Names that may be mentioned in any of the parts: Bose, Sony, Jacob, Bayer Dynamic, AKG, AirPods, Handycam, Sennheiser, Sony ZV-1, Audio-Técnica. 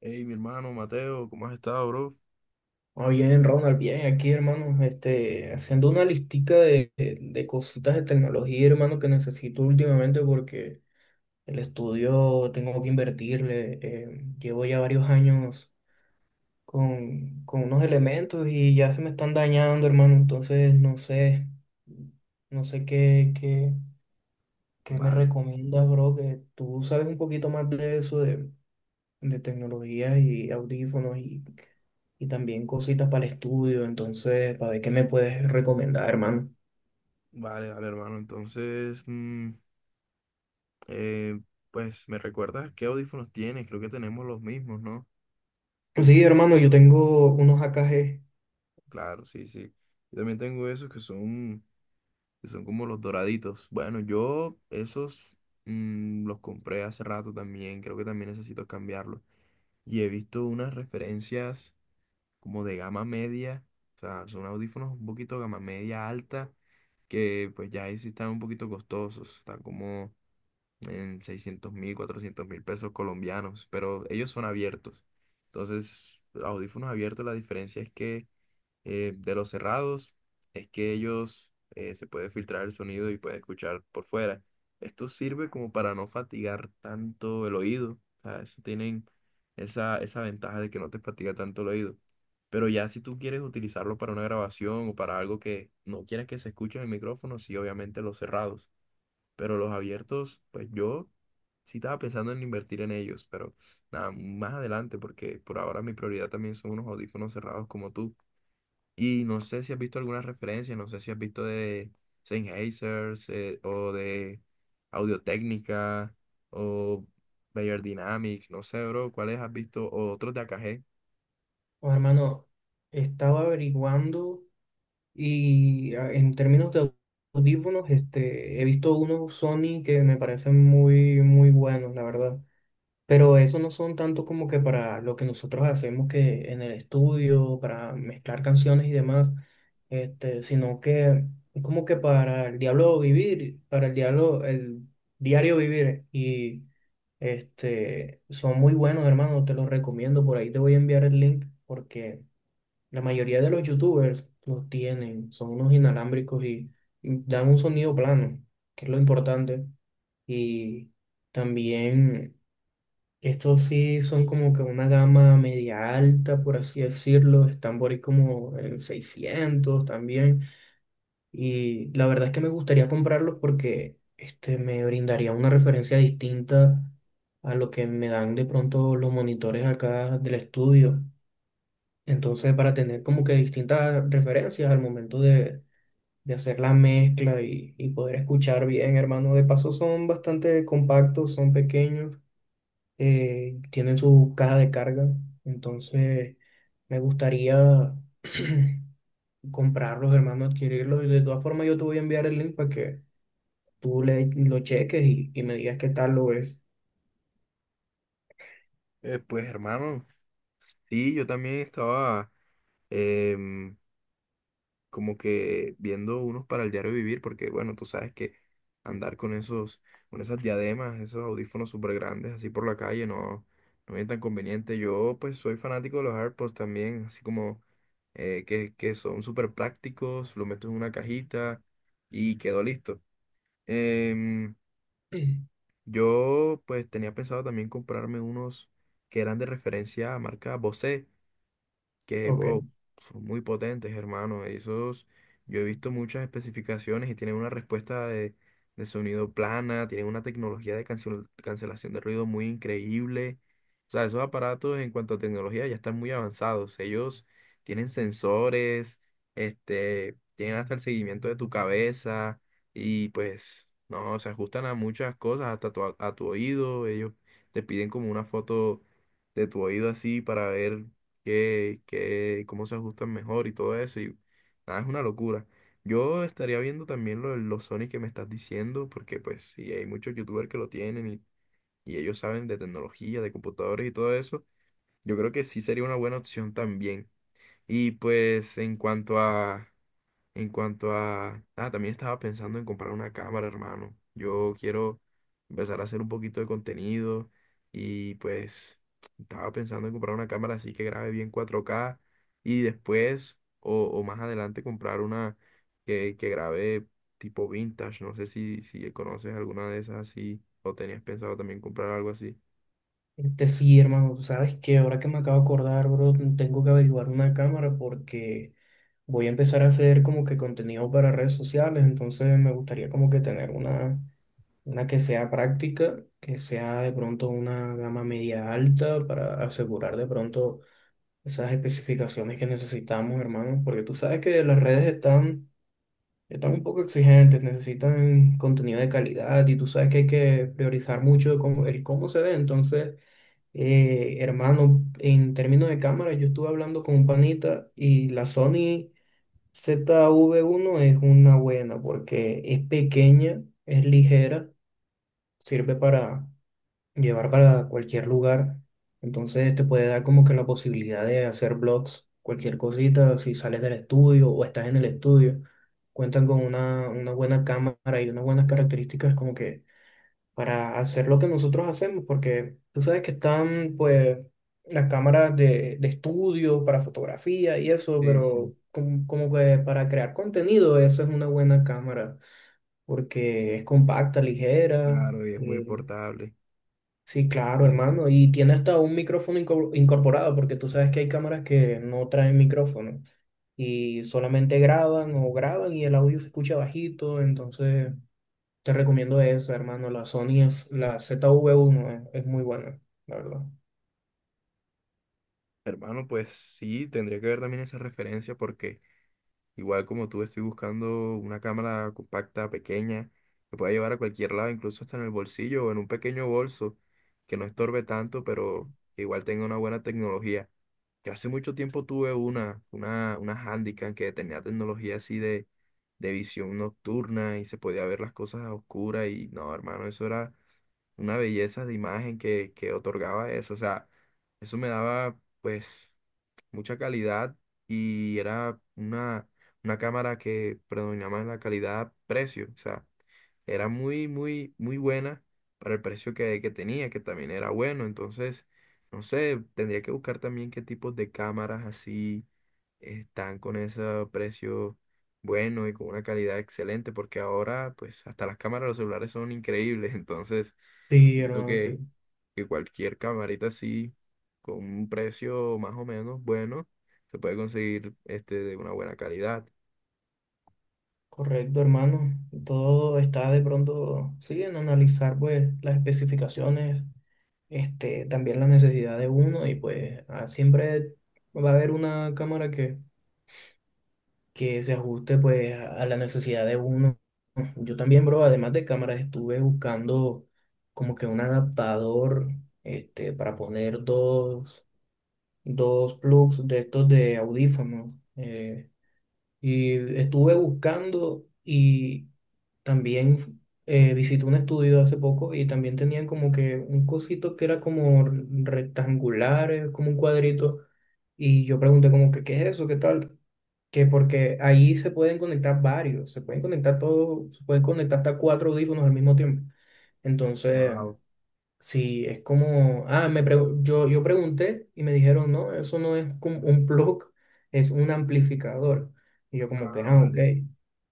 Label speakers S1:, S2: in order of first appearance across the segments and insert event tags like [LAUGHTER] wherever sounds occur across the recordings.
S1: Hey, mi hermano Mateo, ¿cómo has estado, bro?
S2: Ah, bien, Ronald, bien, aquí, hermano, haciendo una listica de cositas de tecnología, hermano, que necesito últimamente porque el estudio tengo que invertirle. Llevo ya varios años con unos elementos y ya se me están dañando, hermano, entonces no sé qué me
S1: Vale,
S2: recomiendas, bro, que tú sabes un poquito más de eso, de tecnología y audífonos y también cositas para el estudio. Entonces, para ver qué me puedes recomendar, hermano.
S1: vale, vale, hermano. Entonces, eh, pues, ¿me recuerdas qué audífonos tienes? Creo que tenemos los mismos, ¿no?
S2: Sí, hermano, yo tengo unos AKG.
S1: Claro, sí, sí. Yo también tengo que son como los doraditos. Bueno, yo esos los compré hace rato también. Creo que también necesito cambiarlos. Y he visto unas referencias como de gama media, o sea, son audífonos un poquito gama media alta, que pues ya ahí sí están un poquito costosos, están como en 600.000, 400.000 pesos colombianos, pero ellos son abiertos. Entonces, audífonos abiertos, la diferencia es que de los cerrados es que ellos se puede filtrar el sonido y puede escuchar por fuera. Esto sirve como para no fatigar tanto el oído. O sea, eso tienen esa ventaja de que no te fatiga tanto el oído. Pero ya si tú quieres utilizarlo para una grabación o para algo que no quieres que se escuche en el micrófono, sí, obviamente los cerrados. Pero los abiertos, pues yo sí estaba pensando en invertir en ellos, pero nada, más adelante, porque por ahora mi prioridad también son unos audífonos cerrados como tú. Y no sé si has visto alguna referencia, no sé si has visto de o de Audio-Técnica o Bayer Dynamic, no sé, bro, cuáles has visto o otros de AKG.
S2: Oh, hermano, estaba averiguando y en términos de audífonos, he visto unos Sony que me parecen muy, muy buenos, la verdad. Pero eso no son tanto como que para lo que nosotros hacemos que en el estudio, para mezclar canciones y demás, sino que es como que para el diablo vivir, para el diablo, el diario vivir. Y son muy buenos, hermano, te los recomiendo. Por ahí te voy a enviar el link porque la mayoría de los youtubers los tienen, son unos inalámbricos y dan un sonido plano, que es lo importante. Y también. Estos sí son como que una gama media alta, por así decirlo. Están por ahí como en 600 también. Y la verdad es que me gustaría comprarlos porque me brindaría una referencia distinta a lo que me dan de pronto los monitores acá del estudio. Entonces, para tener como que distintas referencias al momento de hacer la mezcla y poder escuchar bien, hermano. De paso, son bastante compactos, son pequeños tienen su caja de carga, entonces me gustaría [CLEARS THROAT] comprarlos, hermano, adquirirlos. Y de todas formas, yo te voy a enviar el link para que lo cheques y me digas qué tal lo es. [CLEARS THROAT]
S1: Pues hermano, sí, yo también estaba em, como que viendo unos para el diario vivir, porque bueno, tú sabes que andar con esos, con esas diademas, esos audífonos súper grandes así por la calle no, no es tan conveniente. Yo pues soy fanático de los AirPods también, así como que son súper prácticos, lo meto en una cajita y quedó listo. Em,
S2: Mm.
S1: yo pues tenía pensado también comprarme unos que eran de referencia a marca Bose que, wow,
S2: Ok.
S1: son muy potentes, hermano. Esos, yo he visto muchas especificaciones y tienen una respuesta de sonido plana, tienen una tecnología de cancelación de ruido muy increíble. O sea, esos aparatos en cuanto a tecnología ya están muy avanzados. Ellos tienen sensores, este, tienen hasta el seguimiento de tu cabeza y pues, no, se ajustan a muchas cosas, a tu oído. Ellos te piden como una foto de tu oído así para ver que cómo se ajustan mejor y todo eso. Y nada, es una locura. Yo estaría viendo también de los Sony que me estás diciendo, porque pues sí, hay muchos youtubers que lo tienen y ellos saben de tecnología, de computadores y todo eso. Yo creo que sí sería una buena opción también. Y pues en cuanto a... Ah, también estaba pensando en comprar una cámara, hermano. Yo quiero empezar a hacer un poquito de contenido y pues estaba pensando en comprar una cámara así que grabe bien 4K y después o más adelante comprar una que grabe tipo vintage. No sé si conoces alguna de esas así o tenías pensado también comprar algo así.
S2: Este sí, hermano, tú sabes que ahora que me acabo de acordar, bro, tengo que averiguar una cámara porque voy a empezar a hacer como que contenido para redes sociales, entonces me gustaría como que tener una. Una que sea práctica, que sea de pronto una gama media alta para asegurar de pronto esas especificaciones que necesitamos, hermano, porque tú sabes que las redes están un poco exigentes, necesitan contenido de calidad y tú sabes que hay que priorizar mucho el cómo se ve. Entonces, hermano, en términos de cámara, yo estuve hablando con un panita y la Sony ZV-1 es una buena porque es pequeña, es ligera, sirve para llevar para cualquier lugar. Entonces te puede dar como que la posibilidad de hacer blogs, cualquier cosita, si sales del estudio o estás en el estudio, cuentan con una buena cámara y unas buenas características como que para hacer lo que nosotros hacemos, porque tú sabes que están pues las cámaras de estudio para fotografía y eso,
S1: Sí, sí.
S2: pero como que para crear contenido, esa es una buena cámara, porque es compacta, ligera.
S1: Claro, y es muy
S2: eh,
S1: portable.
S2: Sí, claro,
S1: Sí, sí.
S2: hermano. Y tiene hasta un micrófono incorporado, porque tú sabes que hay cámaras que no traen micrófono y solamente graban o graban y el audio se escucha bajito. Entonces, te recomiendo eso, hermano. La zv uno es muy buena, la verdad.
S1: Hermano, pues sí, tendría que ver también esa referencia porque... Igual como tú estoy buscando una cámara compacta, pequeña, que pueda llevar a cualquier lado, incluso hasta en el bolsillo o en un pequeño bolso, que no estorbe tanto, pero que igual tenga una buena tecnología. Yo hace mucho tiempo tuve una Handycam que tenía tecnología así de visión nocturna y se podía ver las cosas a oscuras y no, hermano, eso era una belleza de imagen que otorgaba eso. O sea, eso me daba pues mucha calidad y era una cámara que predominaba en la calidad-precio. O sea, era muy, muy, muy buena para el precio que tenía, que también era bueno. Entonces, no sé, tendría que buscar también qué tipos de cámaras así están con ese precio bueno y con una calidad excelente, porque ahora, pues, hasta las cámaras de los celulares son increíbles. [LAUGHS] Entonces,
S2: Sí,
S1: siento
S2: hermano, sí.
S1: que cualquier camarita así, con un precio más o menos bueno, se puede conseguir este de una buena calidad.
S2: Correcto, hermano. Todo está de pronto, sí, en analizar pues las especificaciones, también la necesidad de uno y pues siempre va a haber una cámara que se ajuste pues a la necesidad de uno. Yo también, bro, además de cámaras, estuve buscando como que un adaptador para poner dos plugs de estos de audífonos. Eh, y estuve buscando y también visité un estudio hace poco y también tenían como que un cosito que era como rectangular, como un cuadrito. Y yo pregunté como que, ¿qué es eso? ¿Qué tal? Que porque ahí se pueden conectar varios, se pueden conectar todos, se pueden conectar hasta cuatro audífonos al mismo tiempo. Entonces...
S1: Wow.
S2: Sí, es como, ah, yo pregunté y me dijeron, no, eso no es como un plug, es un amplificador. Y yo como
S1: Ah,
S2: que, ah, ok.
S1: vale.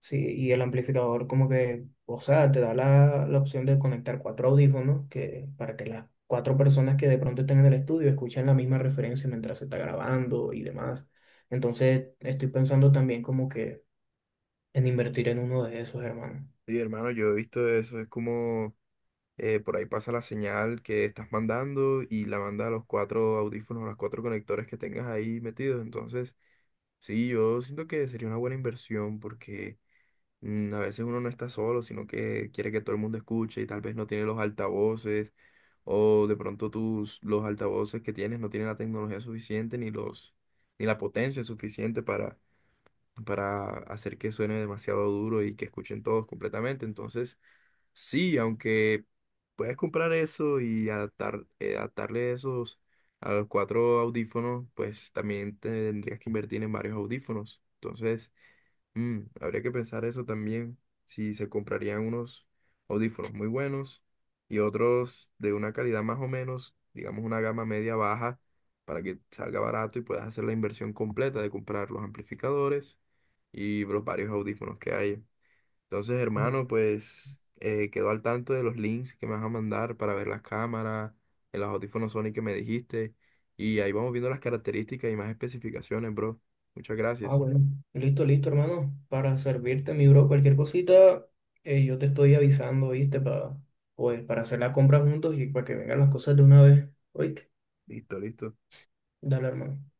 S2: Sí, y el amplificador como que, o sea, te da la opción de conectar cuatro audífonos que, para que las cuatro personas que de pronto estén en el estudio escuchen la misma referencia mientras se está grabando y demás. Entonces, estoy pensando también como que en invertir en uno de esos, hermano.
S1: Sí, hermano, yo he visto eso, es como por ahí pasa la señal que estás mandando y la manda a los cuatro audífonos, a los cuatro conectores que tengas ahí metidos. Entonces, sí, yo siento que sería una buena inversión porque a veces uno no está solo, sino que quiere que todo el mundo escuche y tal vez no tiene los altavoces. O de pronto los altavoces que tienes no tienen la tecnología suficiente ni ni la potencia suficiente para hacer que suene demasiado duro y que escuchen todos completamente. Entonces, sí, aunque puedes comprar eso y adaptarle esos a los cuatro audífonos, pues también tendrías que invertir en varios audífonos. Entonces, mm, habría que pensar eso también, si se comprarían unos audífonos muy buenos y otros de una calidad más o menos, digamos una gama media baja, para que salga barato y puedas hacer la inversión completa de comprar los amplificadores y los varios audífonos que hay. Entonces, hermano, pues quedo al tanto de los links que me vas a mandar para ver las cámaras, en los audífonos Sony que me dijiste, y ahí vamos viendo las características y más especificaciones, bro. Muchas
S2: Ah,
S1: gracias.
S2: bueno. Listo, listo, hermano. Para servirte, mi bro, cualquier cosita, yo te estoy avisando, ¿viste? Para, pues, para hacer la compra juntos y para que vengan las cosas de una vez. Oíste,
S1: Listo, listo.
S2: dale, hermano.